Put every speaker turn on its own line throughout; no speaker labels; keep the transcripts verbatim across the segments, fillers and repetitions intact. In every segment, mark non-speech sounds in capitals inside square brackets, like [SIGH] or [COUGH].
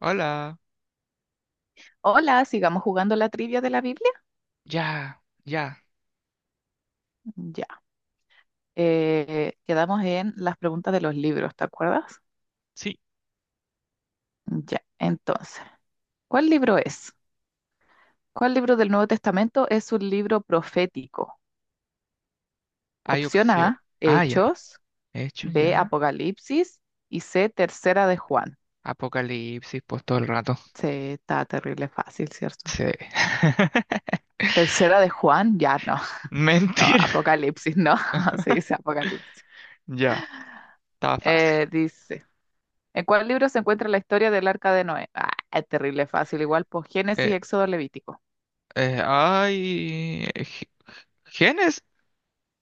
Hola.
Hola, sigamos jugando la trivia de la Biblia.
Ya, ya.
Ya. Eh, quedamos en las preguntas de los libros, ¿te acuerdas?
Sí,
Ya. Entonces, ¿cuál libro es? ¿Cuál libro del Nuevo Testamento es un libro profético?
hay
Opción
opción.
A,
Ah, ya.
Hechos;
Hecho
B,
ya.
Apocalipsis; y C, Tercera de Juan.
Apocalipsis, pues todo el rato.
Sí, está terrible fácil, ¿cierto?
Sí. [LAUGHS]
Tercera de Juan, ya no, [LAUGHS] no,
Mentira.
Apocalipsis, no, [LAUGHS] se dice
[LAUGHS]
Apocalipsis.
Ya, estaba fácil.
Eh, dice, ¿en cuál libro se encuentra la historia del arca de Noé? Ah, es terrible, fácil. Igual, pues Génesis,
Eh,
Éxodo, Levítico.
eh, ay, G- Génesis,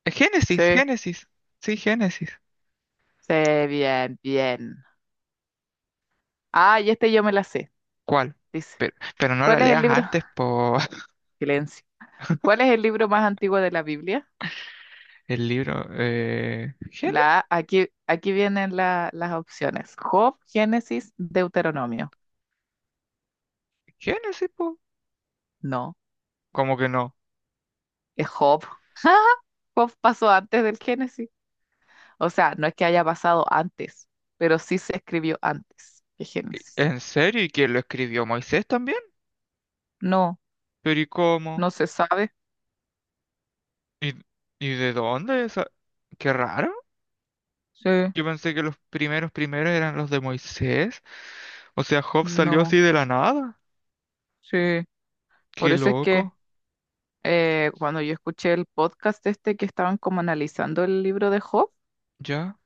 Génesis,
Sí.
Génesis. Sí, Génesis.
Sí, bien, bien. Ah, y este yo me la sé.
¿Cuál?
Dice,
Pero, pero no la
¿cuál es el
leas
libro?
antes por [LAUGHS]
Silencio. ¿Cuál es el libro más antiguo de la Biblia?
el libro. Eh, Gén-
La, aquí, aquí vienen la- las opciones. Job, Génesis, Deuteronomio.
Génesis, po.
No,
Como que no.
es Job. [LAUGHS] Job pasó antes del Génesis. O sea, no es que haya pasado antes, pero sí se escribió antes que Génesis.
¿En serio? ¿Y quién lo escribió? ¿Moisés también?
No,
¿Pero y cómo?
no se sabe.
¿Y, y de dónde esa? Qué raro.
Sí,
Yo pensé que los primeros primeros eran los de Moisés. O sea, Job salió así
no,
de la nada.
sí. Por
Qué
eso es que
loco.
eh, cuando yo escuché el podcast este que estaban como analizando el libro de Job,
Ya,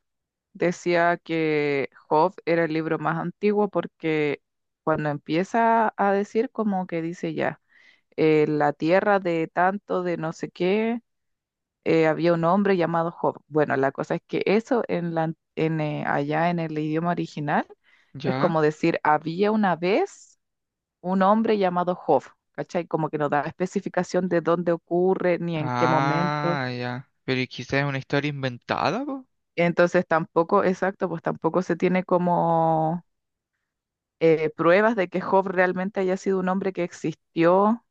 decía que Job era el libro más antiguo porque cuando empieza a decir como que dice ya, eh, la tierra de tanto, de no sé qué, eh, había un hombre llamado Job. Bueno, la cosa es que eso en la, en, eh, allá en el idioma original es
ya.
como decir había una vez un hombre llamado Job, ¿cachai? Como que no da especificación de dónde ocurre ni en qué momento.
Ah, ya. Pero ¿y quizás es una historia inventada, po?
Entonces tampoco, exacto, pues tampoco se tiene como eh, pruebas de que Job realmente haya sido un hombre que existió,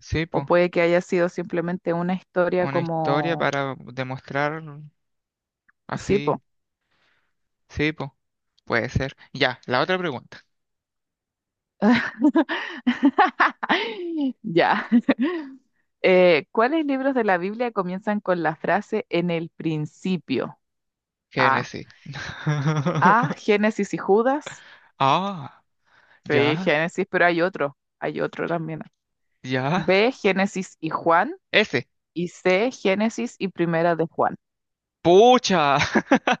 Sí,
o
po.
puede que haya sido simplemente una historia
Una historia
como...
para demostrar
Sí,
así.
po.
Sí, po. Puede ser. Ya, la otra pregunta.
[LAUGHS] Ya. [LAUGHS] Eh, ¿cuáles libros de la Biblia comienzan con la frase en el principio? A.
Génesis.
A,
[LAUGHS]
Génesis y Judas.
Ah,
Sí,
ya,
Génesis, pero hay otro. Hay otro también.
ya.
B, Génesis y Juan;
Ese.
y C, Génesis y Primera de Juan.
Pucha. [LAUGHS]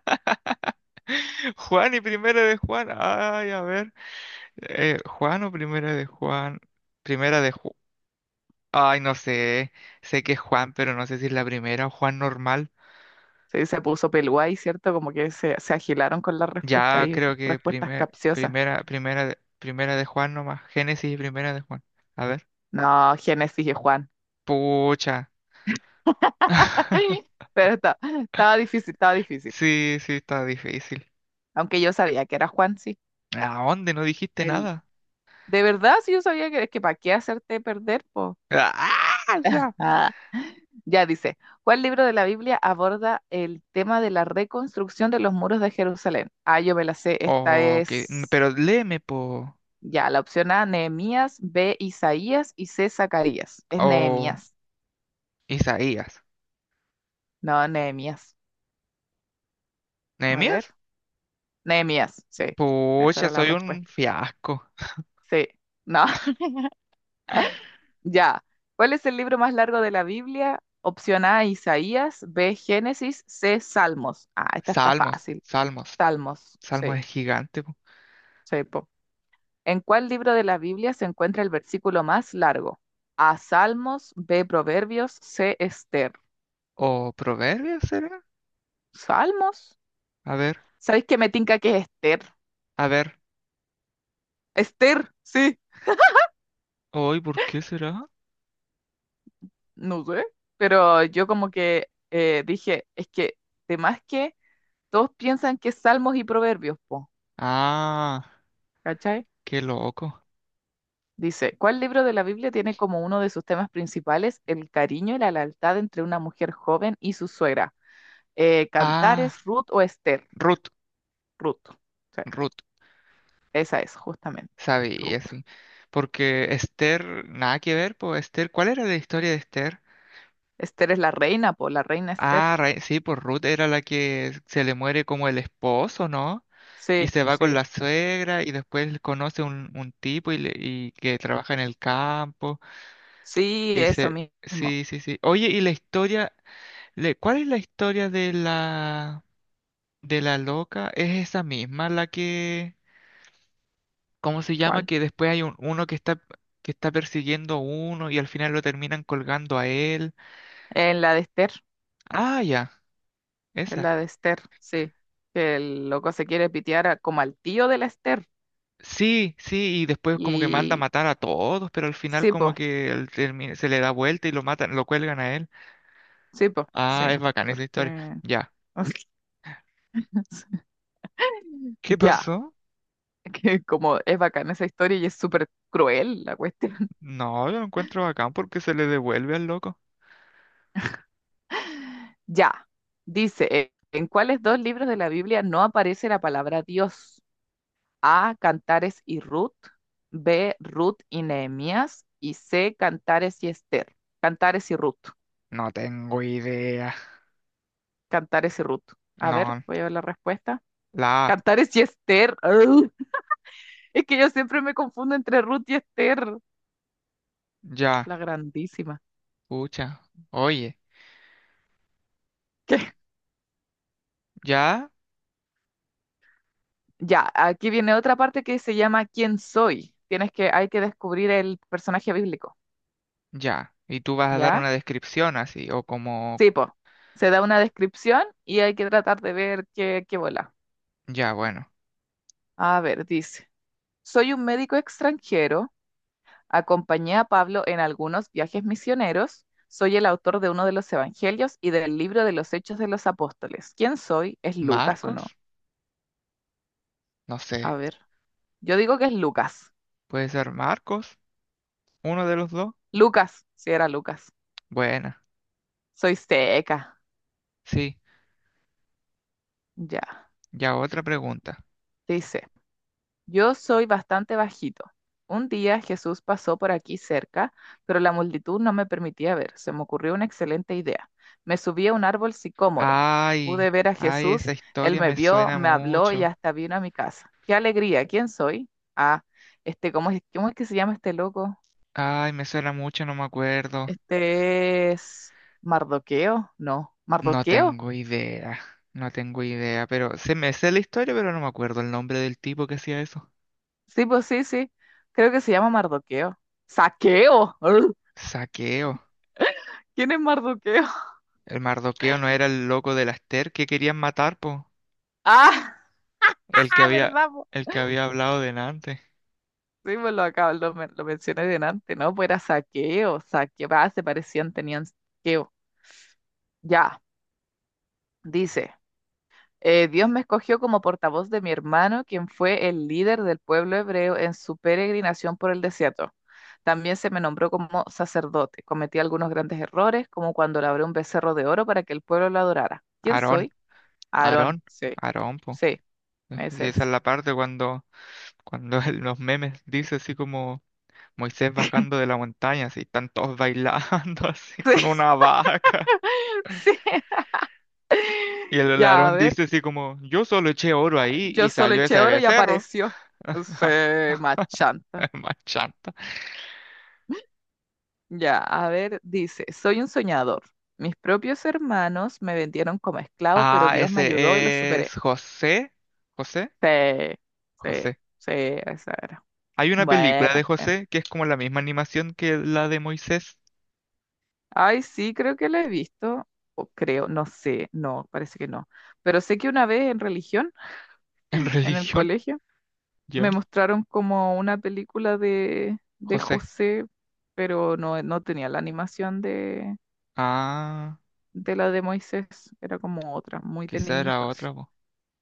[LAUGHS] Juan y primera de Juan. Ay, a ver. eh, Juan o primera de Juan. Primera de Juan. Ay, no sé. Sé que es Juan, pero no sé si es la primera o Juan normal.
Sí, se puso Pelguay, ¿cierto? Como que se, se agilaron con las respuestas
Ya
y
creo que
respuestas
primer-
capciosas.
primera, primera, de- primera de Juan nomás. Génesis y primera de Juan. A ver.
No, Génesis y Juan.
Pucha.
[LAUGHS]
[LAUGHS]
Pero está- estaba difícil, estaba difícil.
Sí, sí, está difícil.
Aunque yo sabía que era Juan, sí.
¿A dónde? No dijiste
El,
nada.
de verdad, sí, yo sabía que, que para qué hacerte perder, po.
¡Ah, ya!
Ah, ya dice, ¿cuál libro de la Biblia aborda el tema de la reconstrucción de los muros de Jerusalén? Ah, yo me la sé, esta
O que-
es...
Pero léeme, po.
Ya, la opción A, Nehemías; B, Isaías; y C, Zacarías. Es
O
Nehemías.
Isaías.
No, Nehemías. A
¿Nehemías?
ver. Nehemías, sí. Esa
Pucha,
era la
soy un
respuesta.
fiasco.
Sí. No, [LAUGHS] ya. ¿Cuál es el libro más largo de la Biblia? Opción A, Isaías; B, Génesis; C, Salmos. Ah, esta está
Salmos,
fácil.
salmos.
Salmos,
Salmos
sí,
es gigante, po.
sí, po. ¿En cuál libro de la Biblia se encuentra el versículo más largo? A, Salmos; B, Proverbios; C, Esther.
¿O proverbios será?
¿Salmos?
A ver,
¿Sabéis que me tinca que es Esther?
a ver.
Esther, sí,
Hoy, ¿por qué será?
no sé, pero yo como que eh, dije, es que, de más que todos piensan que es Salmos y Proverbios, po,
Ah,
¿cachai?
qué loco.
Dice, ¿cuál libro de la Biblia tiene como uno de sus temas principales el cariño y la lealtad entre una mujer joven y su suegra? Eh,
Ah,
¿Cantares, Ruth o Esther?
Ruth,
Ruth, sí,
Ruth.
esa es, justamente, Ruth.
Sabía, sí. Porque Esther, nada que ver, pues Esther, ¿cuál era la historia de Esther?
Esther es la reina, po, la reina Esther.
Ah, ra- sí, pues Ruth era la que se le muere como el esposo, ¿no? Y
Sí,
se va con
sí,
la suegra y después conoce un, un tipo y, le- y que trabaja en el campo
sí,
y
eso
se...
mismo.
Sí, sí, sí. Oye, ¿y la historia? le- ¿Cuál es la historia de la de la loca? ¿Es esa misma la que... ¿Cómo se llama?
¿Cuál?
Que después hay un, uno que está que está persiguiendo a uno y al final lo terminan colgando a él.
En la de Esther.
Ah, ya,
Es
esa.
la de Esther, sí. Que el loco se quiere pitear a- como al tío de la Esther.
Sí, sí, y después como que manda a
Y
matar a todos, pero al final
sí,
como
po,
que él termi- se le da vuelta y lo matan, lo cuelgan a él.
sí, po,
Ah,
sí.
es bacán esa historia.
Porque
Ya.
[LAUGHS]
¿Qué
ya,
pasó?
que como es bacana esa historia y es súper cruel la cuestión. [LAUGHS]
No, yo lo encuentro bacán porque se le devuelve al loco.
Ya, dice, eh, ¿en cuáles dos libros de la Biblia no aparece la palabra Dios? A, Cantares y Ruth; B, Ruth y Nehemías; y C, Cantares y Esther. Cantares y Ruth.
No tengo idea.
Cantares y Ruth. A ver,
No,
voy a ver la respuesta.
la A,
Cantar es Yester. ¡Ugh! Es que yo siempre me confundo entre Ruth y Esther.
ya,
La grandísima.
escucha, oye,
¿Qué?
ya,
Ya, aquí viene otra parte que se llama ¿Quién soy? Tienes que, hay que descubrir el personaje bíblico.
ya. Y tú vas a dar
¿Ya?
una descripción así, o como,
Sí, po. Se da una descripción y hay que tratar de ver qué, qué bola.
ya, bueno.
A ver, dice. Soy un médico extranjero. Acompañé a Pablo en algunos viajes misioneros. Soy el autor de uno de los evangelios y del libro de los Hechos de los Apóstoles. ¿Quién soy? ¿Es Lucas o no?
Marcos, no
A
sé.
ver. Yo digo que es Lucas.
Puede ser Marcos, uno de los dos.
Lucas, sí era Lucas.
Buena,
Soy seca.
sí.
Ya.
Ya otra pregunta.
Dice, yo soy bastante bajito. Un día Jesús pasó por aquí cerca, pero la multitud no me permitía ver. Se me ocurrió una excelente idea. Me subí a un árbol sicómoro. Pude
Ay,
ver a
ay, esa
Jesús, él
historia
me
me
vio,
suena
me habló y
mucho.
hasta vino a mi casa. ¡Qué alegría! ¿Quién soy? Ah, este, ¿cómo es, cómo es que se llama este loco?
Ay, me suena mucho, no me acuerdo.
Este es Mardoqueo, no,
No
Mardoqueo.
tengo idea, no tengo idea, pero se me sé la historia, pero no me acuerdo el nombre del tipo que hacía eso.
Sí, pues sí, sí. Creo que se llama Mardoqueo. ¡Saqueo! [LAUGHS] ¡Ur!
Saqueo.
¿Quién es Mardoqueo?
El Mardoqueo no era el loco de la Esther que querían matar, po.
[LAUGHS] ¡Ah!
El que
¡Ah,
había,
verdad, po!
el que había hablado delante.
Sí, pues lo acabo, lo, men- lo mencioné delante, ¿no? Pues era saqueo, saqueo. Ah, se parecían, tenían saqueo. Ya, dice, eh, Dios me escogió como portavoz de mi hermano, quien fue el líder del pueblo hebreo en su peregrinación por el desierto. También se me nombró como sacerdote. Cometí algunos grandes errores, como cuando labré un becerro de oro para que el pueblo lo adorara. ¿Quién
Aarón,
soy? Aarón.
Aarón,
Sí.
Aarón, po.
Sí, ese
Y esa
es.
es la parte cuando, cuando [LAUGHS] en los memes dice así como Moisés bajando
[LAUGHS]
de la montaña, así, están todos bailando [LAUGHS] así con
Sí,
una vaca.
sí.
Y el
Ya, a
Aarón
ver,
dice así como, yo solo eché oro ahí
yo
y
solo
salió
eché
ese
oro y
becerro.
apareció.
[LAUGHS]
Se machanta.
Es Más chanta.
Ya, a ver, dice, soy un soñador. Mis propios hermanos me vendieron como esclavo, pero
Ah,
Dios me ayudó y lo
ese es
superé.
José. José,
Sí, sí,
José.
sí, esa era.
Hay una película
Buena,
de
buena.
José que es como la misma animación que la de Moisés
Ay, sí, creo que la he visto. O creo, no sé, no, parece que no. Pero sé que una vez en religión,
en [LAUGHS]
en el
religión.
colegio, me
Ya,
mostraron como una película de, de
José.
José, pero no, no tenía la animación de,
Ah,
de la de Moisés, era como otra, muy de
quizá
niñito
era
así.
otra, po.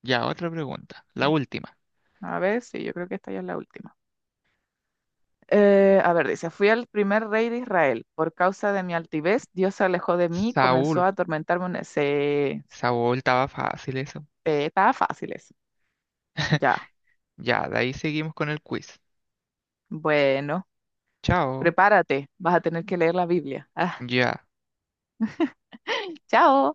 Ya, otra pregunta. La
Ya.
última.
A ver, sí, yo creo que esta ya es la última. Eh, a ver, dice, fui el primer rey de Israel. Por causa de mi altivez, Dios se alejó de mí y comenzó
Saúl.
a atormentarme. una- Se...
Saúl estaba fácil eso.
eh, estaba fácil eso. Ya,
[LAUGHS] Ya, de ahí seguimos con el quiz.
bueno,
Chao.
prepárate, vas a tener que leer la Biblia. Ah,
Ya.
[LAUGHS] chao.